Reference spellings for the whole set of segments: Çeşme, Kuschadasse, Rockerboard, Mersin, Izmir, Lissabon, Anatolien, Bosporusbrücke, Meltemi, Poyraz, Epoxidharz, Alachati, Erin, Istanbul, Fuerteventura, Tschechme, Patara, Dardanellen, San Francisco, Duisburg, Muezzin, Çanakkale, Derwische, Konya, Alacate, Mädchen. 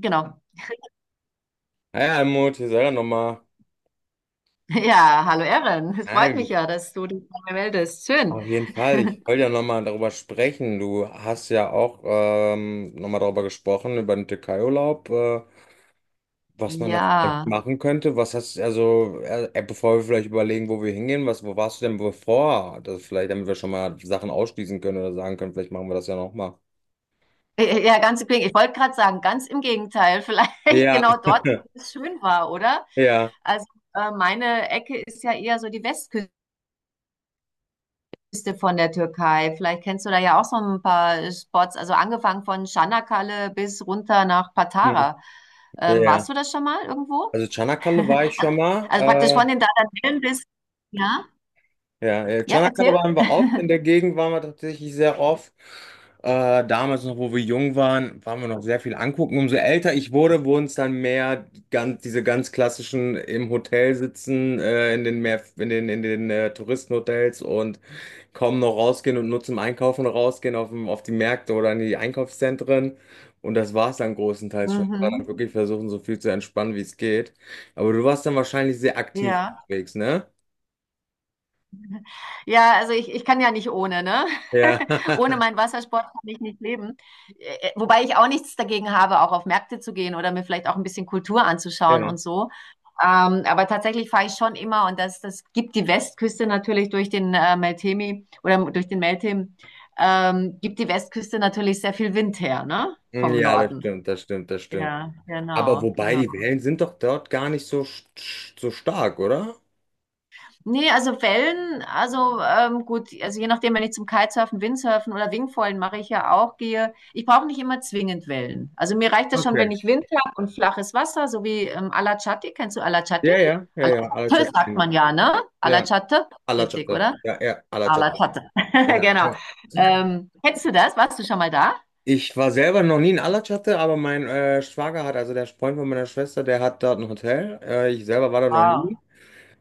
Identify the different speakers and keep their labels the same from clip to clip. Speaker 1: Genau.
Speaker 2: Naja, Almut, wir sollen ja nochmal.
Speaker 1: Ja, hallo Erin. Es freut mich
Speaker 2: Nein,
Speaker 1: ja, dass du dich bei mir meldest. Schön.
Speaker 2: auf jeden Fall. Ich wollte ja nochmal darüber sprechen. Du hast ja auch nochmal darüber gesprochen, über den Türkei-Urlaub, was man da vielleicht
Speaker 1: Ja.
Speaker 2: machen könnte. Was hast also, bevor wir vielleicht überlegen, wo wir hingehen, was, wo warst du denn bevor? Das vielleicht, damit wir schon mal Sachen ausschließen können oder sagen können, vielleicht machen wir das ja nochmal.
Speaker 1: Ja, Ganz im Gegenteil. Ich wollte gerade sagen, ganz im Gegenteil. Vielleicht
Speaker 2: Ja,
Speaker 1: genau dort, wo es schön war, oder?
Speaker 2: ja,
Speaker 1: Also meine Ecke ist ja eher so die Westküste von der Türkei. Vielleicht kennst du da ja auch so ein paar Spots. Also angefangen von Çanakkale bis runter nach
Speaker 2: hm,
Speaker 1: Patara.
Speaker 2: ja.
Speaker 1: Warst
Speaker 2: Ja.
Speaker 1: du das schon mal irgendwo?
Speaker 2: Also Çanakkale war ich
Speaker 1: Also
Speaker 2: schon mal.
Speaker 1: praktisch von den Dardanellen bis... Ja?
Speaker 2: Ja, ja,
Speaker 1: Ja,
Speaker 2: Tschanakala
Speaker 1: erzähl.
Speaker 2: waren wir oft, in der Gegend waren wir tatsächlich sehr oft. Damals noch, wo wir jung waren, waren wir noch sehr viel angucken. Umso älter ich wurde, wurden es dann mehr ganz, diese ganz klassischen im Hotel sitzen, in den mehr, in den Touristenhotels und kaum noch rausgehen und nur zum Einkaufen rausgehen auf, auf die Märkte oder in die Einkaufszentren. Und das war es dann großenteils schon. Ich war dann
Speaker 1: Mhm.
Speaker 2: wirklich versuchen, so viel zu entspannen, wie es geht. Aber du warst dann wahrscheinlich sehr aktiv
Speaker 1: Ja,
Speaker 2: unterwegs, ne?
Speaker 1: ja, also ich kann ja nicht ohne, ne?
Speaker 2: Ja.
Speaker 1: Ohne meinen Wassersport kann ich nicht leben. Wobei ich auch nichts dagegen habe, auch auf Märkte zu gehen oder mir vielleicht auch ein bisschen Kultur anzuschauen
Speaker 2: Ja.
Speaker 1: und so. Aber tatsächlich fahre ich schon immer und das gibt die Westküste natürlich durch den Meltemi oder durch den Meltem, gibt die Westküste natürlich sehr viel Wind her, ne? Vom
Speaker 2: Ja, das
Speaker 1: Norden.
Speaker 2: stimmt, das stimmt, das stimmt.
Speaker 1: Ja,
Speaker 2: Aber
Speaker 1: genau,
Speaker 2: wobei,
Speaker 1: genau.
Speaker 2: die Wellen sind doch dort gar nicht so, so stark, oder?
Speaker 1: Nee, also Wellen, also gut, also je nachdem, wenn ich zum Kitesurfen, Windsurfen oder Wingfoilen mache ich ja auch, gehe. Ich brauche nicht immer zwingend Wellen. Also mir reicht das schon, wenn
Speaker 2: Okay.
Speaker 1: ich Wind habe und flaches Wasser, so wie Alachati. Kennst du Alachati?
Speaker 2: Ja, ja, ja, ja,
Speaker 1: Alachate sagt
Speaker 2: Alacate.
Speaker 1: man ja, ne?
Speaker 2: Ja,
Speaker 1: Alachate, ist richtig,
Speaker 2: Alacate.
Speaker 1: oder?
Speaker 2: Ja, ja, Alacate.
Speaker 1: Alachate,
Speaker 2: Ja,
Speaker 1: genau.
Speaker 2: ja.
Speaker 1: Kennst du das? Warst du schon mal da?
Speaker 2: Ich war selber noch nie in Alacate, aber mein Schwager hat, also der Freund von meiner Schwester, der hat dort ein Hotel. Ich selber war da noch nie.
Speaker 1: Wow.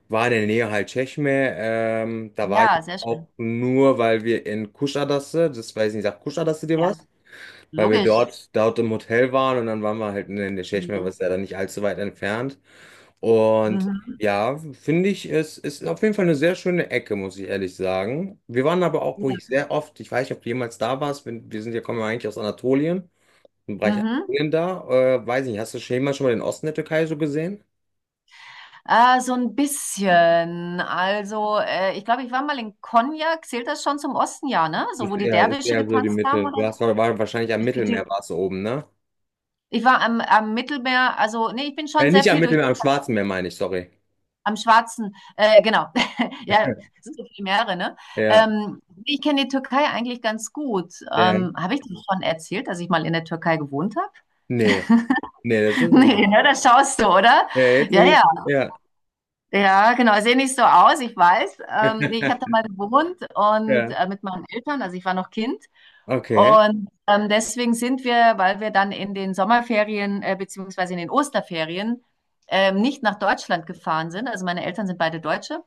Speaker 2: War in der Nähe halt Tschechme. Da war ich
Speaker 1: Ja, sehr schön.
Speaker 2: auch nur, weil wir in Kuschadasse, das weiß ich nicht, sagt Kuschadasse dir
Speaker 1: Ja,
Speaker 2: was? Weil wir
Speaker 1: logisch.
Speaker 2: dort, dort im Hotel waren und dann waren wir halt in der Tschechei,
Speaker 1: Mhm.
Speaker 2: was ja dann nicht allzu weit entfernt. Und
Speaker 1: Mhm.
Speaker 2: ja, finde ich, es ist auf jeden Fall eine sehr schöne Ecke, muss ich ehrlich sagen. Wir waren aber auch, wo ich
Speaker 1: Ja.
Speaker 2: sehr oft, ich weiß nicht, ob du jemals da warst, wir, sind ja, kommen ja eigentlich aus Anatolien, im Bereich
Speaker 1: Mhm.
Speaker 2: Anatolien da. Weiß nicht, hast du schon jemals schon mal den Osten der Türkei so gesehen?
Speaker 1: So ein bisschen. Also, ich glaube, ich war mal in Konya. Zählt das schon zum Osten, ja, ne? So, wo die
Speaker 2: Ist
Speaker 1: Derwische
Speaker 2: eher so die
Speaker 1: getanzt haben,
Speaker 2: Mitte. Du
Speaker 1: oder?
Speaker 2: hast, war, war wahrscheinlich am
Speaker 1: Mit
Speaker 2: Mittelmeer
Speaker 1: die-
Speaker 2: warst du oben, ne?
Speaker 1: Ich war am, am Mittelmeer. Also, nee, ich bin schon sehr
Speaker 2: Nicht am
Speaker 1: viel durch
Speaker 2: Mittelmeer, am Schwarzen Meer meine ich, sorry.
Speaker 1: am Schwarzen. Genau. Ja, es sind so viele Meere, ne?
Speaker 2: Ja,
Speaker 1: Ich kenne die Türkei eigentlich ganz gut.
Speaker 2: ja.
Speaker 1: Habe ich dir schon erzählt, dass ich mal in der Türkei gewohnt habe?
Speaker 2: Nee, nee, das ist.
Speaker 1: Nee, ne? Das schaust du, oder?
Speaker 2: Ja, jetzt
Speaker 1: Ja,
Speaker 2: bin
Speaker 1: ja.
Speaker 2: ich. Ja.
Speaker 1: Ja, genau. Sehe nicht so aus, ich weiß. Nee, ich habe da mal gewohnt und
Speaker 2: Ja,
Speaker 1: mit meinen Eltern, also ich war noch Kind.
Speaker 2: okay.
Speaker 1: Und deswegen sind wir, weil wir dann in den Sommerferien beziehungsweise in den Osterferien nicht nach Deutschland gefahren sind, also meine Eltern sind beide Deutsche,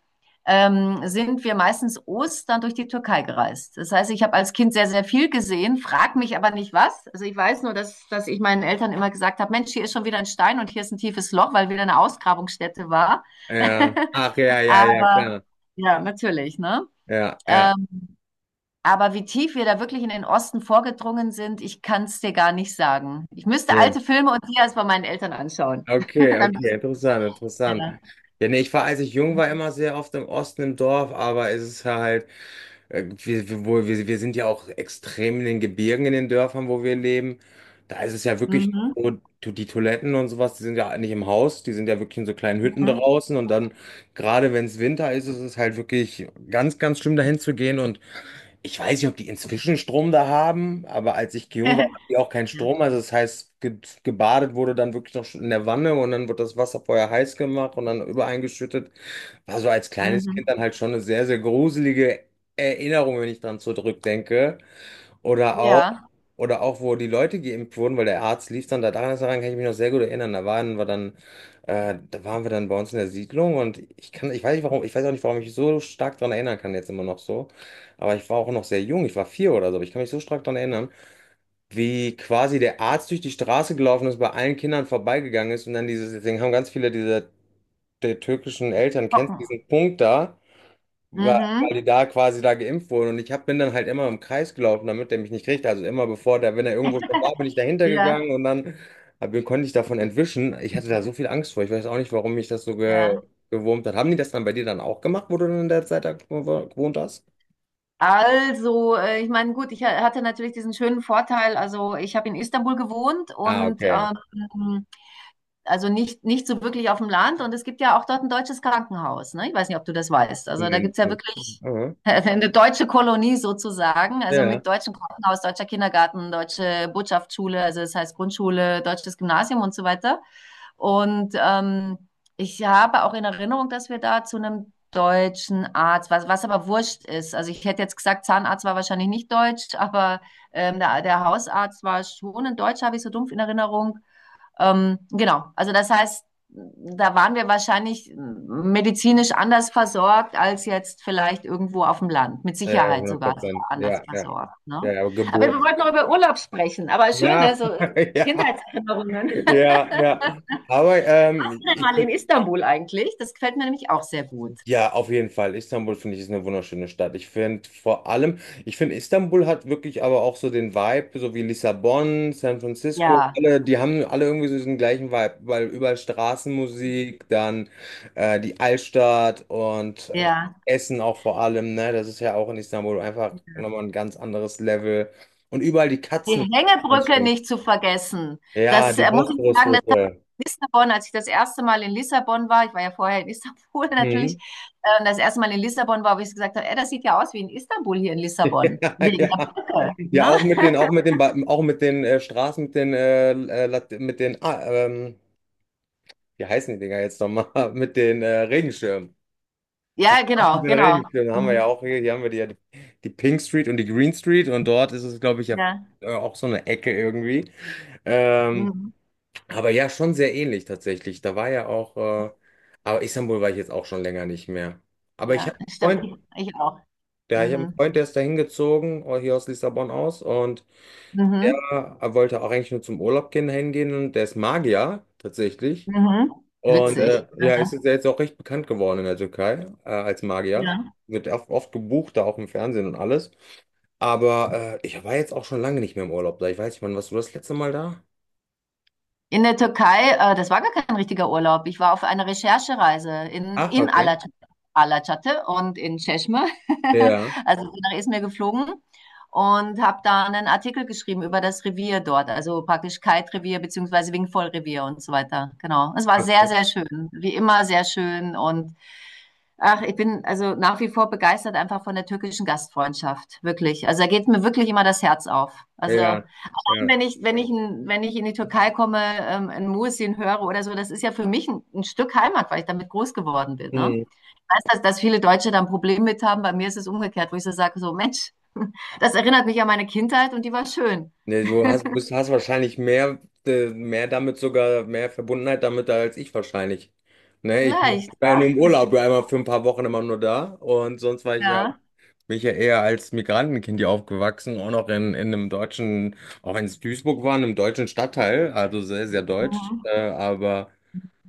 Speaker 1: sind wir meistens Ostern durch die Türkei gereist. Das heißt, ich habe als Kind sehr, sehr viel gesehen, frag mich aber nicht was. Also ich weiß nur, dass ich meinen Eltern immer gesagt habe, Mensch, hier ist schon wieder ein Stein und hier ist ein tiefes Loch, weil wieder eine Ausgrabungsstätte war.
Speaker 2: Ja. Ach ja, ja, ja,
Speaker 1: Aber
Speaker 2: klar.
Speaker 1: ja, natürlich, ne?
Speaker 2: Ja, ja,
Speaker 1: Ähm, aber wie tief wir da wirklich in den Osten vorgedrungen sind, ich kann es dir gar nicht sagen. Ich müsste
Speaker 2: ja.
Speaker 1: alte Filme und Dias bei meinen Eltern anschauen.
Speaker 2: Okay,
Speaker 1: Dann
Speaker 2: okay, interessant, interessant.
Speaker 1: ja.
Speaker 2: Ja, nee, ich war, als ich jung war, immer sehr oft im Osten im Dorf, aber es ist halt, wir, wir, wir sind ja auch extrem in den Gebirgen, in den Dörfern, wo wir leben. Da ist es ja wirklich
Speaker 1: Mhm.
Speaker 2: so, die Toiletten und sowas, die sind ja nicht im Haus, die sind ja wirklich in so kleinen Hütten
Speaker 1: Mhm.
Speaker 2: draußen, und dann, gerade wenn es Winter ist, ist es halt wirklich ganz, ganz schlimm, dahin zu gehen. Und ich weiß nicht, ob die inzwischen Strom da haben, aber als ich jung war, hatten die auch keinen
Speaker 1: Ja.
Speaker 2: Strom. Also das heißt, ge gebadet wurde dann wirklich noch in der Wanne und dann wird das Wasser vorher heiß gemacht und dann übereingeschüttet. War so als kleines
Speaker 1: Mhm.
Speaker 2: Kind dann halt schon eine sehr, sehr gruselige Erinnerung, wenn ich dran zurückdenke. Oder auch.
Speaker 1: Ja.
Speaker 2: Oder auch, wo die Leute geimpft wurden, weil der Arzt lief dann da dran, daran kann ich mich noch sehr gut erinnern. Da waren wir dann, da waren wir dann bei uns in der Siedlung und ich kann, ich weiß nicht warum, ich weiß auch nicht, warum ich mich so stark daran erinnern kann jetzt immer noch so. Aber ich war auch noch sehr jung, ich war vier oder so, aber ich kann mich so stark daran erinnern, wie quasi der Arzt durch die Straße gelaufen ist, bei allen Kindern vorbeigegangen ist und dann dieses, deswegen haben ganz viele dieser der türkischen Eltern, kennst du
Speaker 1: Hocken.
Speaker 2: diesen Punkt da? Weil
Speaker 1: Mhm.
Speaker 2: die da quasi da geimpft wurden. Und ich hab, bin dann halt immer im Kreis gelaufen, damit der mich nicht kriegt. Also immer bevor der, wenn er irgendwo schon war, bin ich dahinter
Speaker 1: Ja,
Speaker 2: gegangen und dann hab, konnte ich davon entwischen. Ich hatte da so viel Angst vor. Ich weiß auch nicht, warum mich das so ge
Speaker 1: ja.
Speaker 2: gewurmt hat. Haben die das dann bei dir dann auch gemacht, wo du dann in der Zeit da gewohnt hast?
Speaker 1: Also, ich meine, gut, hatte natürlich diesen schönen Vorteil, also ich habe in Istanbul gewohnt
Speaker 2: Ah,
Speaker 1: und
Speaker 2: okay.
Speaker 1: also nicht, nicht so wirklich auf dem Land. Und es gibt ja auch dort ein deutsches Krankenhaus. Ne? Ich weiß nicht, ob du das weißt. Also da gibt
Speaker 2: Mhm.
Speaker 1: es ja wirklich
Speaker 2: Mhm.
Speaker 1: eine deutsche Kolonie sozusagen. Also
Speaker 2: Ja,
Speaker 1: mit deutschem Krankenhaus, deutscher Kindergarten, deutsche Botschaftsschule, also das heißt Grundschule, deutsches Gymnasium und so weiter. Und ich habe auch in Erinnerung, dass wir da zu einem deutschen Arzt, was aber wurscht ist. Also ich hätte jetzt gesagt, Zahnarzt war wahrscheinlich nicht deutsch, aber der Hausarzt war schon ein Deutscher, habe ich so dumpf in Erinnerung. Genau, also das heißt, da waren wir wahrscheinlich medizinisch anders versorgt als jetzt vielleicht irgendwo auf dem Land. Mit
Speaker 2: ja,
Speaker 1: Sicherheit
Speaker 2: 100
Speaker 1: sogar
Speaker 2: Prozent.
Speaker 1: anders
Speaker 2: Ja, ja,
Speaker 1: versorgt. Ne?
Speaker 2: ja, ja,
Speaker 1: Aber
Speaker 2: Geburt.
Speaker 1: wir wollten noch über Urlaub sprechen. Aber schön, ne?
Speaker 2: Ja,
Speaker 1: So
Speaker 2: ja,
Speaker 1: Kindheitserinnerungen.
Speaker 2: ja, ja. Aber ich.
Speaker 1: Mal in Istanbul eigentlich. Das gefällt mir nämlich auch sehr gut.
Speaker 2: Ja, auf jeden Fall. Istanbul finde ich ist eine wunderschöne Stadt. Ich finde vor allem, ich finde Istanbul hat wirklich aber auch so den Vibe, so wie Lissabon, San Francisco,
Speaker 1: Ja,
Speaker 2: alle, die haben alle irgendwie so diesen gleichen Vibe, weil überall Straßenmusik, dann die Altstadt und
Speaker 1: ja.
Speaker 2: Essen auch vor allem, ne? Das ist ja auch in Istanbul einfach nochmal ein ganz anderes Level. Und überall die
Speaker 1: Die
Speaker 2: Katzen, ganz
Speaker 1: Hängebrücke
Speaker 2: schön.
Speaker 1: nicht zu vergessen.
Speaker 2: Ja,
Speaker 1: Das
Speaker 2: die
Speaker 1: muss ich sagen,
Speaker 2: Bosporusbrücke.
Speaker 1: Lissabon, als ich das erste Mal in Lissabon war, ich war ja vorher in Istanbul natürlich,
Speaker 2: Mhm.
Speaker 1: das erste Mal in Lissabon war, wo ich gesagt habe, ey, das sieht ja aus wie in Istanbul hier in Lissabon,
Speaker 2: Ja,
Speaker 1: wegen der
Speaker 2: ja.
Speaker 1: Brücke.
Speaker 2: Ja,
Speaker 1: Ne?
Speaker 2: auch mit den, auch mit den, auch mit den Straßen, mit den, mit den, wie heißen die Dinger jetzt nochmal? Mit den Regenschirmen.
Speaker 1: Ja,
Speaker 2: Ach, mit
Speaker 1: genau,
Speaker 2: den
Speaker 1: genau.
Speaker 2: Regenschirmen haben wir ja
Speaker 1: Mhm.
Speaker 2: auch hier, hier haben wir die, ja die, die Pink Street und die Green Street und dort ist es, glaube ich, ja
Speaker 1: Ja,
Speaker 2: auch so eine Ecke irgendwie. Ähm,
Speaker 1: mhm.
Speaker 2: aber ja, schon sehr ähnlich tatsächlich. Da war ja auch, aber Istanbul war ich jetzt auch schon länger nicht mehr. Aber ich
Speaker 1: Ja,
Speaker 2: habe einen
Speaker 1: stimmt.
Speaker 2: Freund,
Speaker 1: Ich auch.
Speaker 2: ja, ich habe einen
Speaker 1: Mhm.
Speaker 2: Freund, der ist da hingezogen, hier aus Lissabon aus und
Speaker 1: Mhm.
Speaker 2: der wollte auch eigentlich nur zum Urlaub gehen, hingehen, und der ist Magier tatsächlich.
Speaker 1: Mhm.
Speaker 2: Und
Speaker 1: Witzig.
Speaker 2: ja, ist jetzt auch recht bekannt geworden in der Türkei als Magier.
Speaker 1: Ja.
Speaker 2: Wird oft, oft gebucht, da auch im Fernsehen und alles. Aber ich war jetzt auch schon lange nicht mehr im Urlaub da. Ich weiß nicht, wann warst du das letzte Mal da?
Speaker 1: In der Türkei, das war gar kein richtiger Urlaub. Ich war auf einer Recherchereise
Speaker 2: Ach,
Speaker 1: in
Speaker 2: okay.
Speaker 1: Alacate, Alacate und in Çeşme.
Speaker 2: Ja,
Speaker 1: Also bin nach Izmir geflogen und habe da einen Artikel geschrieben über das Revier dort, also praktisch Kite-Revier beziehungsweise Wingfoil-Revier und so weiter. Genau. Es war sehr,
Speaker 2: okay.
Speaker 1: sehr schön. Wie immer sehr schön und ach, ich bin also nach wie vor begeistert einfach von der türkischen Gastfreundschaft, wirklich. Also da geht mir wirklich immer das Herz auf. Also
Speaker 2: Ja, ja.
Speaker 1: wenn ich, wenn ich, wenn ich in die Türkei komme, ein Muezzin höre oder so, das ist ja für mich ein Stück Heimat, weil ich damit groß geworden bin. Ne?
Speaker 2: Mhm.
Speaker 1: Ich weiß, dass viele Deutsche da ein Problem mit haben. Bei mir ist es umgekehrt, wo ich so sage, so Mensch, das erinnert mich an meine Kindheit und die war schön.
Speaker 2: Ne, du hast, bist, hast wahrscheinlich mehr, mehr damit sogar, mehr Verbundenheit damit als ich wahrscheinlich. Ne, ich
Speaker 1: Vielleicht,
Speaker 2: war ja nur im Urlaub, war einmal für ein paar Wochen immer nur da und sonst war ich ja,
Speaker 1: ja.
Speaker 2: bin ich ja eher als Migrantenkind hier aufgewachsen, auch noch in einem deutschen, auch wenn es Duisburg war, in einem deutschen Stadtteil, also sehr, sehr deutsch.
Speaker 1: Mhm.
Speaker 2: Aber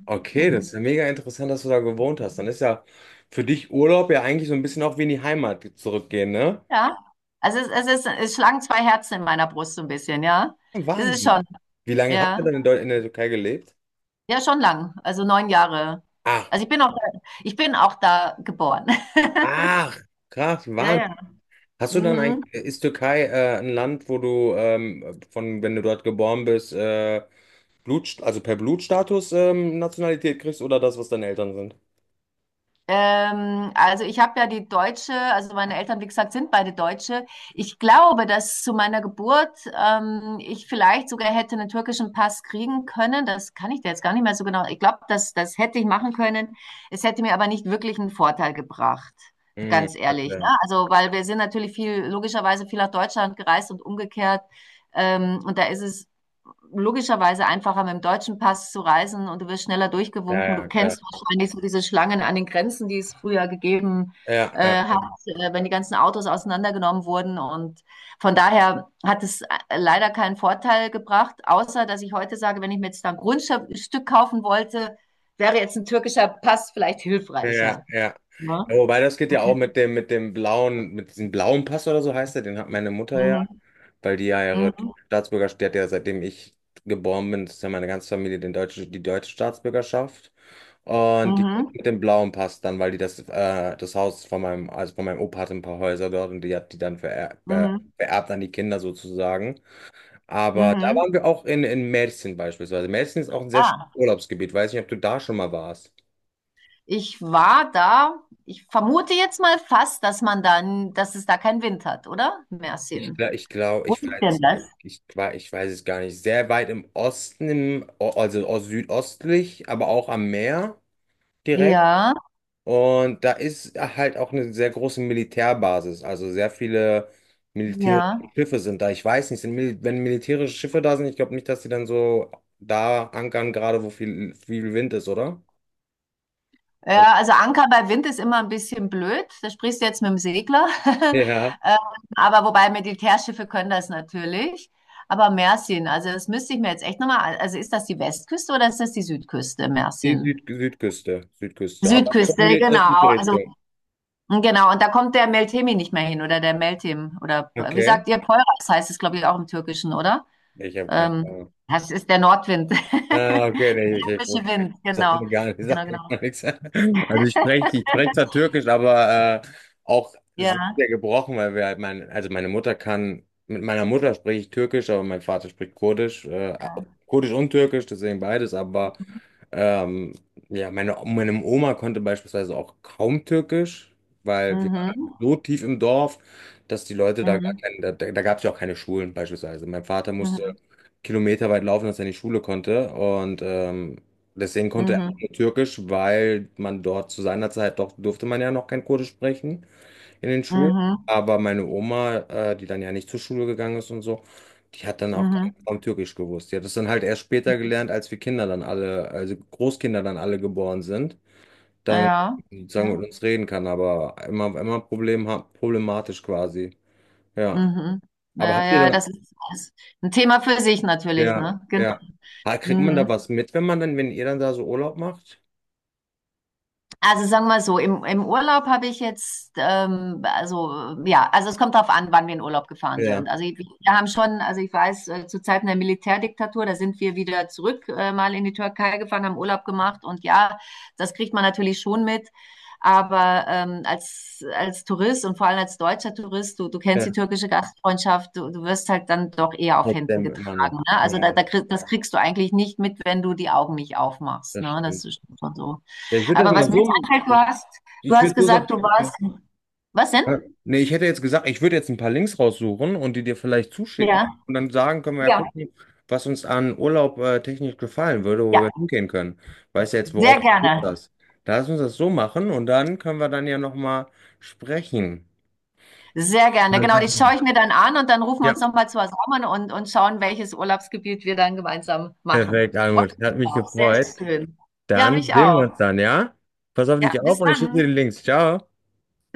Speaker 2: okay, das
Speaker 1: Mhm.
Speaker 2: ist ja mega interessant, dass du da gewohnt hast. Dann ist ja für dich Urlaub ja eigentlich so ein bisschen auch wie in die Heimat zurückgehen, ne?
Speaker 1: Ja. Also es ist, es schlagen zwei Herzen in meiner Brust so ein bisschen, ja. Es ist schon,
Speaker 2: Wahnsinn. Wie lange habt ihr
Speaker 1: ja.
Speaker 2: dann in in der Türkei gelebt?
Speaker 1: Ja, schon lang. Also 9 Jahre.
Speaker 2: Ah.
Speaker 1: Also ich bin auch da geboren.
Speaker 2: Ach, krass,
Speaker 1: Ja, ja.
Speaker 2: Wahnsinn. Hast du dann ein,
Speaker 1: Mhm.
Speaker 2: ist Türkei ein Land, wo du von, wenn du dort geboren bist, Blut, also per Blutstatus Nationalität kriegst oder das, was deine Eltern sind?
Speaker 1: Also ich habe ja die Deutsche, also meine Eltern, wie gesagt, sind beide Deutsche. Ich glaube, dass zu meiner Geburt ich vielleicht sogar hätte einen türkischen Pass kriegen können. Das kann ich dir jetzt gar nicht mehr so genau. Ich glaube, das hätte ich machen können. Es hätte mir aber nicht wirklich einen Vorteil gebracht,
Speaker 2: Mhm,
Speaker 1: ganz ehrlich. Ne?
Speaker 2: okay.
Speaker 1: Also, weil wir sind natürlich viel, logischerweise viel nach Deutschland gereist und umgekehrt. Und da ist es logischerweise einfacher, mit dem deutschen Pass zu reisen und du wirst schneller
Speaker 2: Ja,
Speaker 1: durchgewunken. Du
Speaker 2: ja, klar.
Speaker 1: kennst wahrscheinlich so diese Schlangen an den Grenzen, die es früher gegeben
Speaker 2: Ja,
Speaker 1: hat,
Speaker 2: ja,
Speaker 1: wenn die ganzen Autos auseinandergenommen wurden. Und von daher hat es leider keinen Vorteil gebracht, außer dass ich heute sage, wenn ich mir jetzt ein Grundstück kaufen wollte, wäre jetzt ein türkischer Pass vielleicht
Speaker 2: ja, ja.
Speaker 1: hilfreicher.
Speaker 2: Ja.
Speaker 1: Ne?
Speaker 2: Ja, wobei das geht ja auch mit dem blauen, mit diesem blauen Pass oder so heißt der, den hat meine Mutter ja.
Speaker 1: Mhm.
Speaker 2: Weil die ja ihre
Speaker 1: Mhm.
Speaker 2: Staatsbürgerschaft, die hat ja seitdem ich geboren bin, das ist ja meine ganze Familie den deutsche, die deutsche Staatsbürgerschaft. Und die kriegt
Speaker 1: Mhm.
Speaker 2: mit dem blauen Pass dann, weil die das, das Haus von meinem, also von meinem Opa hatte ein paar Häuser dort und die hat die dann vererbt,
Speaker 1: Mhm.
Speaker 2: vererbt an die Kinder sozusagen. Aber da
Speaker 1: Mhm. Mhm.
Speaker 2: waren wir auch in Mädchen beispielsweise. Mädchen ist auch ein sehr schönes
Speaker 1: Ah.
Speaker 2: Urlaubsgebiet. Weiß nicht, ob du da schon mal warst.
Speaker 1: Ich war da. Ich vermute jetzt mal fast, dass man dann, dass es da keinen Wind hat, oder?
Speaker 2: Ich,
Speaker 1: Mersin.
Speaker 2: ich glaube,
Speaker 1: Wo
Speaker 2: ich
Speaker 1: ist
Speaker 2: weiß
Speaker 1: denn
Speaker 2: es,
Speaker 1: das?
Speaker 2: ich, ich weiß es gar nicht. Sehr weit im Osten, im, also aus südöstlich, aber auch am Meer direkt.
Speaker 1: Ja,
Speaker 2: Und da ist halt auch eine sehr große Militärbasis. Also sehr viele
Speaker 1: ja.
Speaker 2: militärische Schiffe sind da. Ich weiß nicht, sind, wenn militärische Schiffe da sind, ich glaube nicht, dass sie dann so da ankern, gerade wo viel, viel Wind ist, oder? Oder?
Speaker 1: Ja, also Anker bei Wind ist immer ein bisschen blöd. Da sprichst du jetzt mit dem Segler.
Speaker 2: Ja,
Speaker 1: Ähm, aber wobei Militärschiffe können das natürlich. Aber Mersin, also das müsste ich mir jetzt echt nochmal, also ist das die Westküste oder ist das die Südküste,
Speaker 2: die
Speaker 1: Mersin?
Speaker 2: Südküste, Südküste. Aber in
Speaker 1: Südküste,
Speaker 2: die östliche
Speaker 1: genau. Also
Speaker 2: Richtung.
Speaker 1: genau, und da kommt der Meltemi nicht mehr hin oder der Meltem oder wie
Speaker 2: Okay.
Speaker 1: sagt ihr, Poyraz heißt es, glaube ich, auch im Türkischen, oder?
Speaker 2: Ich habe keine
Speaker 1: Ähm,
Speaker 2: Ahnung.
Speaker 1: Das ist der Nordwind.
Speaker 2: Ah, okay, nee, ich, ich,
Speaker 1: Frische Wind,
Speaker 2: sag
Speaker 1: genau.
Speaker 2: mir gar nicht,
Speaker 1: Genau,
Speaker 2: sag mir
Speaker 1: genau.
Speaker 2: gar nichts. Also ich spreche zwar Türkisch, aber auch sehr,
Speaker 1: Ja,
Speaker 2: sehr gebrochen, weil wir halt mein, also meine Mutter kann, mit meiner Mutter spreche ich Türkisch, aber mein Vater spricht Kurdisch,
Speaker 1: ja.
Speaker 2: Kurdisch und Türkisch, deswegen beides, aber ähm, ja, meine, meine Oma konnte beispielsweise auch kaum Türkisch, weil wir waren halt
Speaker 1: Mhm.
Speaker 2: so tief im Dorf, dass die Leute da gar
Speaker 1: Mhm.
Speaker 2: keine, da, da gab es ja auch keine Schulen beispielsweise. Mein Vater musste
Speaker 1: Mhm.
Speaker 2: Kilometer weit laufen, dass er in die Schule konnte. Und deswegen konnte er auch
Speaker 1: Mhm.
Speaker 2: nur Türkisch, weil man dort zu seiner Zeit doch durfte man ja noch kein Kurdisch sprechen in den Schulen.
Speaker 1: Mhm.
Speaker 2: Aber meine Oma, die dann ja nicht zur Schule gegangen ist und so, die hat dann auch gar
Speaker 1: Mhm.
Speaker 2: kaum Türkisch gewusst. Die hat es dann halt erst später gelernt, als wir Kinder dann alle, also Großkinder dann alle geboren sind, dann
Speaker 1: Ja.
Speaker 2: sozusagen
Speaker 1: Ja.
Speaker 2: mit uns reden kann, aber immer, immer Problem, problematisch quasi. Ja.
Speaker 1: Mhm.
Speaker 2: Aber
Speaker 1: Ja,
Speaker 2: habt ihr
Speaker 1: ja,
Speaker 2: dann
Speaker 1: das ist ein Thema für sich natürlich,
Speaker 2: ja,
Speaker 1: ne? Genau.
Speaker 2: ja. Ah, kriegt man da
Speaker 1: Mhm.
Speaker 2: was mit, wenn man dann, wenn ihr dann da so Urlaub macht?
Speaker 1: Also sagen wir so, im, im Urlaub habe ich jetzt, also ja, also es kommt darauf an, wann wir in Urlaub gefahren sind.
Speaker 2: Ja,
Speaker 1: Wir haben schon, also ich weiß, zu Zeiten der Militärdiktatur, da sind wir wieder zurück, mal in die Türkei gefahren, haben Urlaub gemacht und ja, das kriegt man natürlich schon mit. Aber als Tourist und vor allem als deutscher Tourist, du kennst die
Speaker 2: ja,
Speaker 1: türkische Gastfreundschaft, du wirst halt dann doch eher auf
Speaker 2: aus
Speaker 1: Händen
Speaker 2: dem immer
Speaker 1: getragen.
Speaker 2: noch.
Speaker 1: Ne? Also
Speaker 2: Ja,
Speaker 1: das kriegst du eigentlich nicht mit, wenn du die Augen nicht aufmachst.
Speaker 2: das
Speaker 1: Ne? Das
Speaker 2: stimmt.
Speaker 1: ist schon so.
Speaker 2: Ja, ich würde das
Speaker 1: Aber
Speaker 2: mal
Speaker 1: was mir jetzt
Speaker 2: so,
Speaker 1: einfällt, du
Speaker 2: ich
Speaker 1: hast
Speaker 2: würde so sagen,
Speaker 1: gesagt, du warst. Was denn?
Speaker 2: ja. Nee, ich hätte jetzt gesagt, ich würde jetzt ein paar Links raussuchen und die dir vielleicht zuschicken
Speaker 1: Ja.
Speaker 2: und dann sagen, können wir ja
Speaker 1: Ja,
Speaker 2: gucken, was uns an Urlaub technisch gefallen würde, wo
Speaker 1: ja,
Speaker 2: wir hingehen können. Weißt ja jetzt, worauf
Speaker 1: sehr
Speaker 2: du Lust
Speaker 1: gerne.
Speaker 2: hast. Da lass uns das so machen und dann können wir dann ja nochmal sprechen.
Speaker 1: Sehr gerne.
Speaker 2: Dann
Speaker 1: Genau, die
Speaker 2: sag mal.
Speaker 1: schaue ich mir dann an und dann rufen wir
Speaker 2: Ja,
Speaker 1: uns nochmal zusammen und schauen, welches Urlaubsgebiet wir dann gemeinsam machen.
Speaker 2: perfekt,
Speaker 1: Freut
Speaker 2: Almut.
Speaker 1: mich
Speaker 2: Hat mich
Speaker 1: drauf. Sehr
Speaker 2: gefreut.
Speaker 1: schön. Ja,
Speaker 2: Dann
Speaker 1: mich
Speaker 2: sehen wir uns
Speaker 1: auch.
Speaker 2: dann, ja? Pass auf
Speaker 1: Ja,
Speaker 2: dich auf
Speaker 1: bis
Speaker 2: und ich schicke dir
Speaker 1: dann.
Speaker 2: die Links. Ciao.